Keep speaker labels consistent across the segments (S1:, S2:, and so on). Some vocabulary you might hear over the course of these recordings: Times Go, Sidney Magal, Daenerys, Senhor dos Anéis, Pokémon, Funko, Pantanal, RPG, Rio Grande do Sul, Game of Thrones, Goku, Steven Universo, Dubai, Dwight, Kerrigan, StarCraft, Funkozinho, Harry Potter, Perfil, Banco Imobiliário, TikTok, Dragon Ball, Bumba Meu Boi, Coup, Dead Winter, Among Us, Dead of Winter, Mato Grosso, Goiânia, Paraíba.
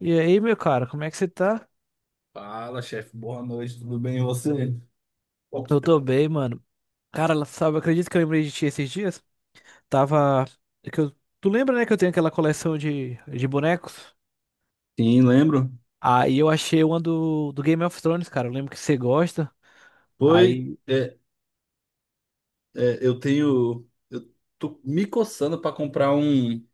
S1: E aí, meu cara, como é que você tá?
S2: Fala, chefe. Boa noite, tudo bem? E você?
S1: Eu tô bem, mano. Cara, sabe, acredito que eu lembrei de ti esses dias. Tava. Tu lembra, né, que eu tenho aquela coleção de bonecos?
S2: Sim, lembro.
S1: Aí eu achei uma do Game of Thrones, cara. Eu lembro que você gosta.
S2: Foi,
S1: Aí.
S2: é, eu tô me coçando para comprar um,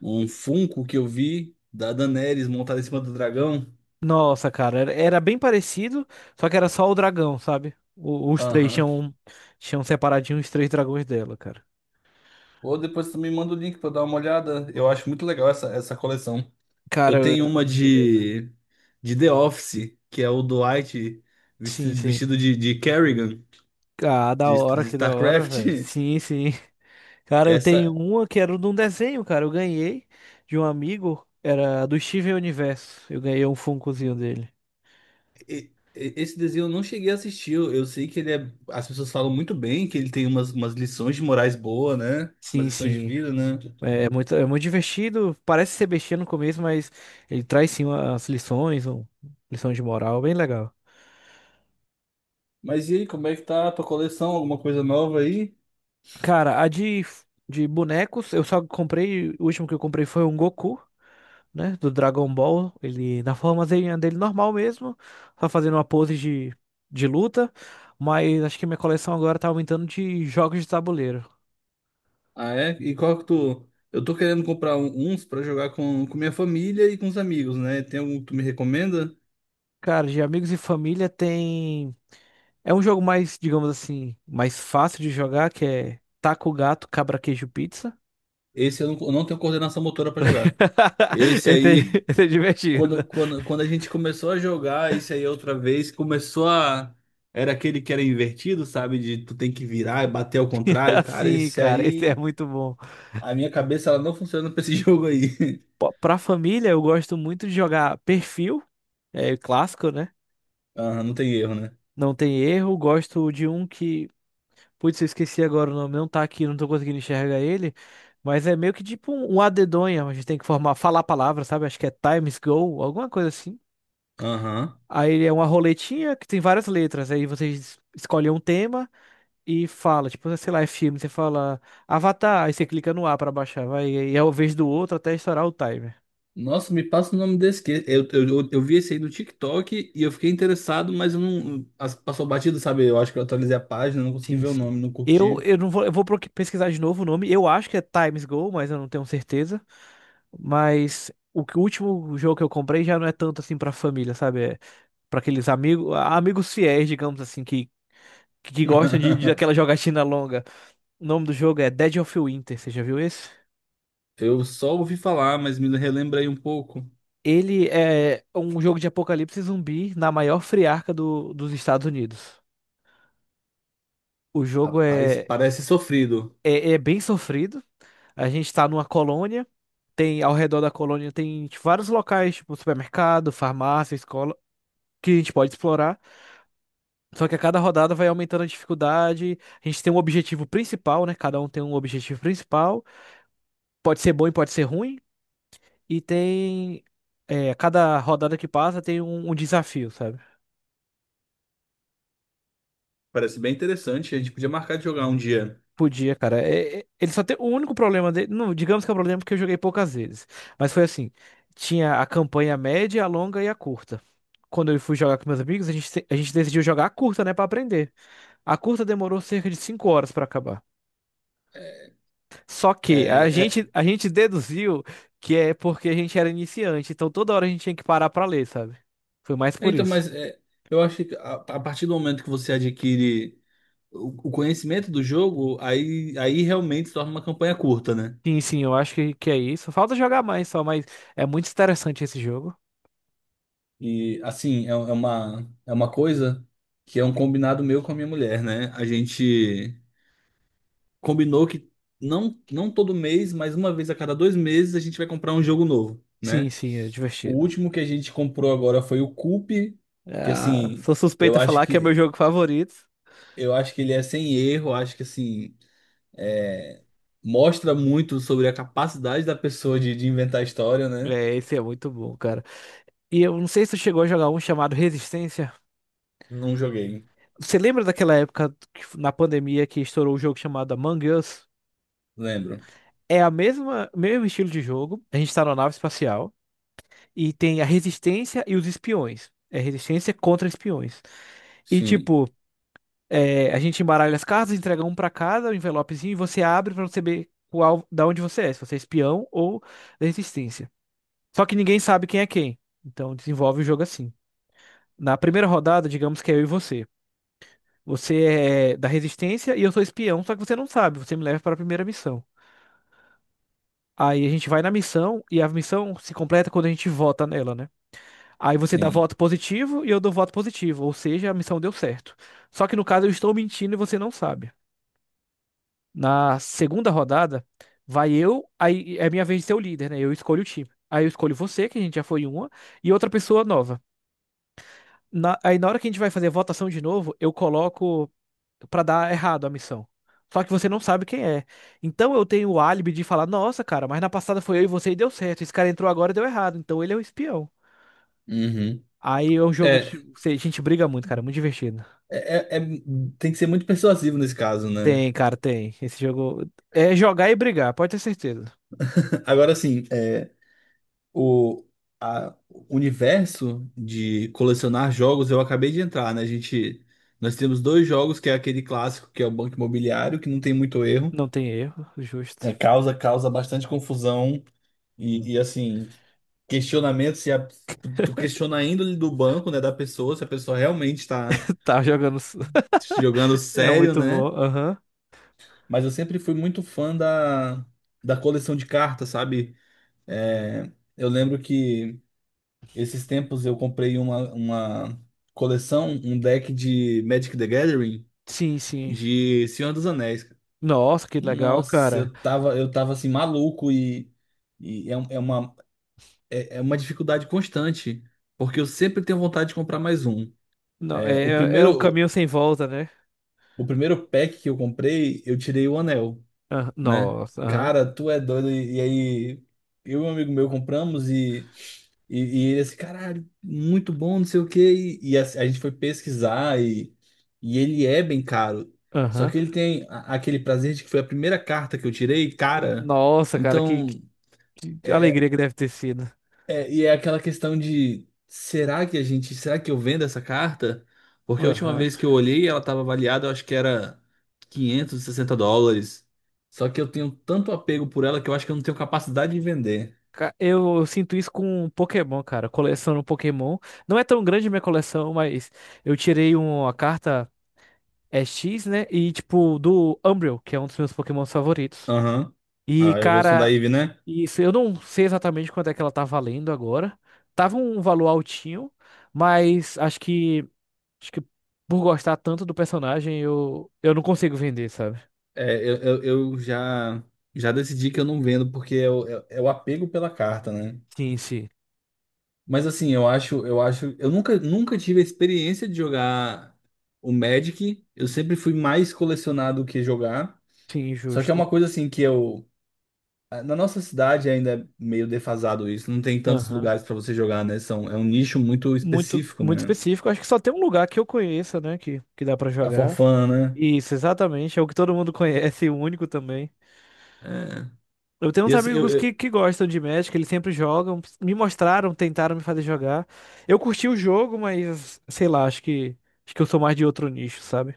S2: um Funko que eu vi da Daenerys montada em cima do dragão.
S1: Nossa, cara, era bem parecido, só que era só o dragão, sabe? Os três
S2: Aham.
S1: tinham, um, tinham separadinho os três dragões dela, cara.
S2: Ou depois tu me manda o link para dar uma olhada. Eu acho muito legal essa coleção.
S1: Cara,
S2: Eu tenho
S1: eu-
S2: uma
S1: Beleza.
S2: de The Office, que é o Dwight
S1: Sim,
S2: vestido,
S1: sim.
S2: vestido de Kerrigan,
S1: Ah, da
S2: de,
S1: hora,
S2: de
S1: que da hora,
S2: StarCraft.
S1: velho. Sim, sim. Cara, eu tenho
S2: Essa,
S1: uma que era de um desenho, cara. Eu ganhei de um amigo. Era do Steven Universo. Eu ganhei um Funkozinho dele.
S2: Esse desenho eu não cheguei a assistir. Eu sei que ele é. As pessoas falam muito bem que ele tem umas lições de morais boas, né? Umas
S1: Sim,
S2: lições de
S1: sim.
S2: vida, né?
S1: É muito divertido. Parece ser bestia no começo, mas ele traz sim as lições, um, lição de moral, bem legal.
S2: Mas e aí, como é que tá a tua coleção? Alguma coisa nova aí?
S1: Cara, a de bonecos, eu só comprei. O último que eu comprei foi um Goku. Né? Do Dragon Ball. Ele na formazinha dele normal mesmo. Só fazendo uma pose de luta. Mas acho que minha coleção agora tá aumentando de jogos de tabuleiro.
S2: Ah, é? E qual que tu. Eu tô querendo comprar uns pra jogar com minha família e com os amigos, né? Tem algum que tu me recomenda?
S1: Cara, de amigos e família tem. É um jogo mais, digamos assim, mais fácil de jogar, que é Taco Gato, Cabra Queijo Pizza.
S2: Esse eu não tenho coordenação motora pra jogar. Esse
S1: Esse
S2: aí.
S1: é, esse é
S2: Quando,
S1: divertido.
S2: quando, quando a gente começou a jogar isso aí outra vez, começou a. Era aquele que era invertido, sabe? De tu tem que virar e bater ao contrário. Cara,
S1: Assim,
S2: esse
S1: cara, esse é
S2: aí.
S1: muito bom.
S2: A minha cabeça ela não funciona pra esse jogo aí.
S1: Pô, pra família, eu gosto muito de jogar Perfil, é clássico, né?
S2: Aham, não tem erro, né?
S1: Não tem erro. Gosto de um que putz, eu esqueci agora o nome, não tá aqui, não tô conseguindo enxergar ele. Mas é meio que tipo um a gente tem que formar, falar a palavra, sabe? Acho que é Times Go, alguma coisa assim.
S2: Aham.
S1: Aí ele é uma roletinha que tem várias letras. Aí vocês escolhem um tema e fala, tipo, sei lá, é filme, você fala Avatar, aí você clica no A pra baixar, vai, e é o vez do outro até estourar o timer.
S2: Nossa, me passa o nome desse. Eu vi esse aí no TikTok e eu fiquei interessado, mas eu não. Passou batido, sabe? Eu acho que eu atualizei a página, não consegui
S1: Sim,
S2: ver o
S1: sim.
S2: nome, não
S1: Eu,
S2: curti.
S1: eu não vou, eu vou pesquisar de novo o nome. Eu acho que é Times Go, mas eu não tenho certeza. O último jogo que eu comprei já não é tanto assim pra família, sabe? É pra aqueles amigos, amigos fiéis, digamos assim, que gostam de aquela jogatina longa. O nome do jogo é Dead of Winter, você já viu esse?
S2: Eu só ouvi falar, mas me relembra aí um pouco.
S1: Ele é um jogo de apocalipse zumbi na maior friarca dos Estados Unidos. O jogo
S2: Rapaz,
S1: é,
S2: parece sofrido.
S1: é, é bem sofrido. A gente tá numa colônia, tem ao redor da colônia tem tipo, vários locais, tipo supermercado, farmácia, escola, que a gente pode explorar. Só que a cada rodada vai aumentando a dificuldade. A gente tem um objetivo principal, né? Cada um tem um objetivo principal. Pode ser bom e pode ser ruim. E tem. É, cada rodada que passa tem um desafio, sabe?
S2: Parece bem interessante. A gente podia marcar de jogar um dia.
S1: Podia, cara. Ele só tem. O único problema dele. Não, digamos que é o problema porque eu joguei poucas vezes. Mas foi assim: tinha a campanha média, a longa e a curta. Quando eu fui jogar com meus amigos, a gente decidiu jogar a curta, né? Pra aprender. A curta demorou cerca de 5 horas pra acabar. Só que a
S2: É,
S1: gente, a gente deduziu que é porque a gente era iniciante, então toda hora a gente tinha que parar pra ler, sabe? Foi mais
S2: é,
S1: por
S2: então,
S1: isso.
S2: mas é, eu acho que a partir do momento que você adquire o conhecimento do jogo, aí realmente se torna uma campanha curta, né?
S1: Sim, sim, eu acho que é isso. Falta jogar mais só, mas é muito interessante esse jogo.
S2: E assim, é uma coisa que é um combinado meu com a minha mulher, né? A gente combinou que não, não todo mês, mas uma vez a cada 2 meses a gente vai comprar um jogo novo,
S1: Sim,
S2: né?
S1: sim, é
S2: O
S1: divertido.
S2: último que a gente comprou agora foi o Coup, que
S1: Ah,
S2: assim.
S1: sou
S2: Eu
S1: suspeita a
S2: acho
S1: falar que é meu
S2: que
S1: jogo favorito.
S2: Eu acho que ele é sem erro, acho que assim, é, mostra muito sobre a capacidade da pessoa de inventar história, né?
S1: É, esse é muito bom, cara. E eu não sei se tu chegou a jogar um chamado Resistência.
S2: Não joguei,
S1: Você lembra daquela época na pandemia que estourou o jogo chamado Among Us?
S2: lembro.
S1: É a mesma, mesmo estilo de jogo. A gente tá na nave espacial. E tem a resistência e os espiões. É resistência contra espiões. E
S2: Sim,
S1: tipo, é, a gente embaralha as cartas, entrega um pra cada, um envelopezinho, e você abre pra você ver qual, da onde você é, se você é espião ou da resistência. Só que ninguém sabe quem é quem. Então desenvolve o jogo assim. Na primeira rodada, digamos que é eu e você. Você é da resistência e eu sou espião, só que você não sabe, você me leva para a primeira missão. Aí a gente vai na missão e a missão se completa quando a gente vota nela, né? Aí você dá
S2: sim.
S1: voto positivo e eu dou voto positivo, ou seja, a missão deu certo. Só que no caso eu estou mentindo e você não sabe. Na segunda rodada, vai eu, aí é minha vez de ser o líder, né? Eu escolho o time. Aí eu escolho você, que a gente já foi uma, e outra pessoa nova. Aí na hora que a gente vai fazer a votação de novo, eu coloco pra dar errado a missão. Só que você não sabe quem é. Então eu tenho o álibi de falar: nossa, cara, mas na passada foi eu e você e deu certo. Esse cara entrou agora e deu errado. Então ele é o espião.
S2: Uhum.
S1: Aí é um jogo,
S2: É,
S1: tipo, a gente briga muito, cara, é muito divertido.
S2: é, tem que ser muito persuasivo nesse caso,
S1: Tem,
S2: né?
S1: cara, tem. Esse jogo é jogar e brigar, pode ter certeza.
S2: Agora sim, o, o universo de colecionar jogos, eu acabei de entrar, né? Nós temos dois jogos, que é aquele clássico, que é o Banco Imobiliário, que não tem muito erro.
S1: Não tem erro, justo.
S2: É, causa bastante confusão e, assim, questionamento se tu questiona a índole do banco, né, da pessoa, se a pessoa realmente está
S1: Tá jogando.
S2: jogando
S1: É
S2: sério,
S1: muito bom.
S2: né?
S1: Aham.
S2: Mas eu sempre fui muito fã da coleção de cartas, sabe? É, eu lembro que esses tempos eu comprei uma coleção, um deck de Magic the Gathering
S1: Sim, sim.
S2: de Senhor dos Anéis.
S1: Nossa, que legal,
S2: Nossa,
S1: cara.
S2: eu tava assim, maluco e é uma dificuldade constante, porque eu sempre tenho vontade de comprar mais um.
S1: Não,
S2: É, o
S1: é um
S2: primeiro,
S1: caminho sem volta, né?
S2: o primeiro pack que eu comprei, eu tirei o anel,
S1: Ah,
S2: né?
S1: nossa, aham.
S2: Cara, tu é doido. E aí, eu e um amigo meu compramos e ele assim, caralho, muito bom, não sei o quê. E a gente foi pesquisar e ele é bem caro. Só
S1: Aham.
S2: que ele tem aquele prazer de que foi a primeira carta que eu tirei, cara.
S1: Nossa, cara,
S2: Então.
S1: que
S2: É,
S1: alegria que deve ter sido.
S2: É, e é aquela questão de será que eu vendo essa carta? Porque a última
S1: Aham.
S2: vez que eu olhei, ela estava avaliada, eu acho que era US$ 560. Só que eu tenho tanto apego por ela que eu acho que eu não tenho capacidade de vender.
S1: Eu sinto isso com Pokémon, cara. Coleciono Pokémon. Não é tão grande minha coleção, mas eu tirei uma carta. É X, né? E, tipo, do Umbreon, que é um dos meus Pokémons favoritos.
S2: Aham.
S1: E,
S2: A evolução da
S1: cara,
S2: Eve, né?
S1: isso, eu não sei exatamente quanto é que ela tá valendo agora. Tava um valor altinho, mas acho que por gostar tanto do personagem, eu não consigo vender, sabe?
S2: É, eu já decidi que eu não vendo porque é o apego pela carta, né?
S1: Sim, sim.
S2: Mas assim, eu acho, eu nunca tive a experiência de jogar o Magic. Eu sempre fui mais colecionar do que jogar.
S1: Sim,
S2: Só que é
S1: justo.
S2: uma coisa assim que eu. Na nossa cidade ainda é meio defasado isso. Não tem tantos
S1: Aham.
S2: lugares pra você jogar, né? É um nicho muito
S1: Muito,
S2: específico,
S1: muito
S2: né?
S1: específico. Acho que só tem um lugar que eu conheça, né? Que dá pra
S2: A
S1: jogar.
S2: forfana,
S1: Isso, exatamente. É o que todo mundo conhece, e o único também.
S2: né? É.
S1: Eu tenho
S2: E
S1: uns
S2: assim,
S1: amigos que, que gostam de Magic, eles sempre jogam. Me mostraram, tentaram me fazer jogar. Eu curti o jogo, mas sei lá, acho que eu sou mais de outro nicho, sabe?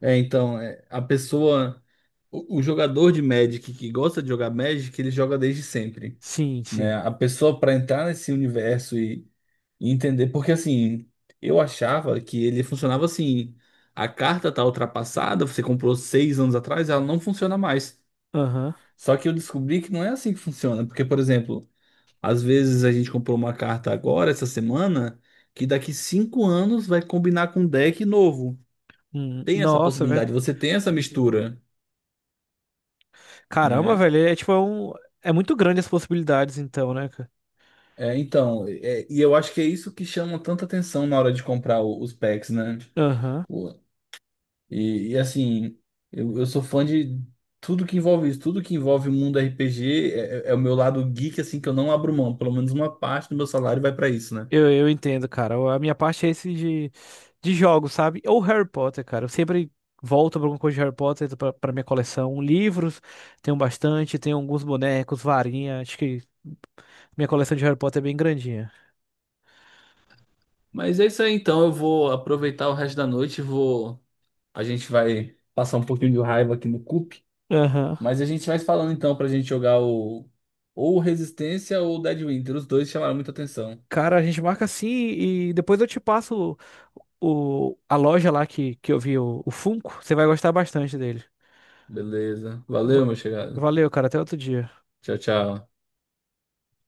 S2: é, então, é, a pessoa. O jogador de Magic que gosta de jogar Magic, ele joga desde sempre,
S1: Sim,
S2: né?
S1: sim.
S2: A pessoa pra entrar nesse universo e entender. Porque assim, eu achava que ele funcionava assim. A carta tá ultrapassada, você comprou 6 anos atrás, ela não funciona mais.
S1: Aham.
S2: Só que eu descobri que não é assim que funciona. Porque, por exemplo, às vezes a gente comprou uma carta agora, essa semana, que daqui 5 anos vai combinar com um deck novo. Tem essa
S1: Nossa, velho.
S2: possibilidade, você tem essa
S1: Sim, sim.
S2: mistura,
S1: Caramba,
S2: né?
S1: velho, é tipo é um. É muito grande as possibilidades, então, né, cara?
S2: É, então, e eu acho que é isso que chama tanta atenção na hora de comprar os packs, né?
S1: Aham.
S2: Pô, e, assim, eu sou fã de tudo que envolve isso, tudo que envolve o mundo RPG é o meu lado geek, assim, que eu não abro mão. Pelo menos uma parte do meu salário vai pra isso, né?
S1: Eu entendo, cara. A minha parte é esse de jogos, sabe? Ou Harry Potter, cara. Eu sempre volto pra alguma coisa de Harry Potter pra minha coleção. Livros, tenho bastante, tenho alguns bonecos, varinha. Acho que minha coleção de Harry Potter é bem grandinha.
S2: Mas é isso aí, então. Eu vou aproveitar o resto da noite. A gente vai passar um pouquinho de raiva aqui no CUP.
S1: Aham.
S2: Mas a gente vai se falando então pra gente jogar o. Ou Resistência ou Dead Winter. Os dois chamaram muita atenção.
S1: Cara, a gente marca assim e depois eu te passo o, a loja lá que eu vi o Funko. Você vai gostar bastante dele.
S2: Beleza.
S1: Va-
S2: Valeu, meu chegado.
S1: Valeu, cara. Até outro dia.
S2: Tchau, tchau.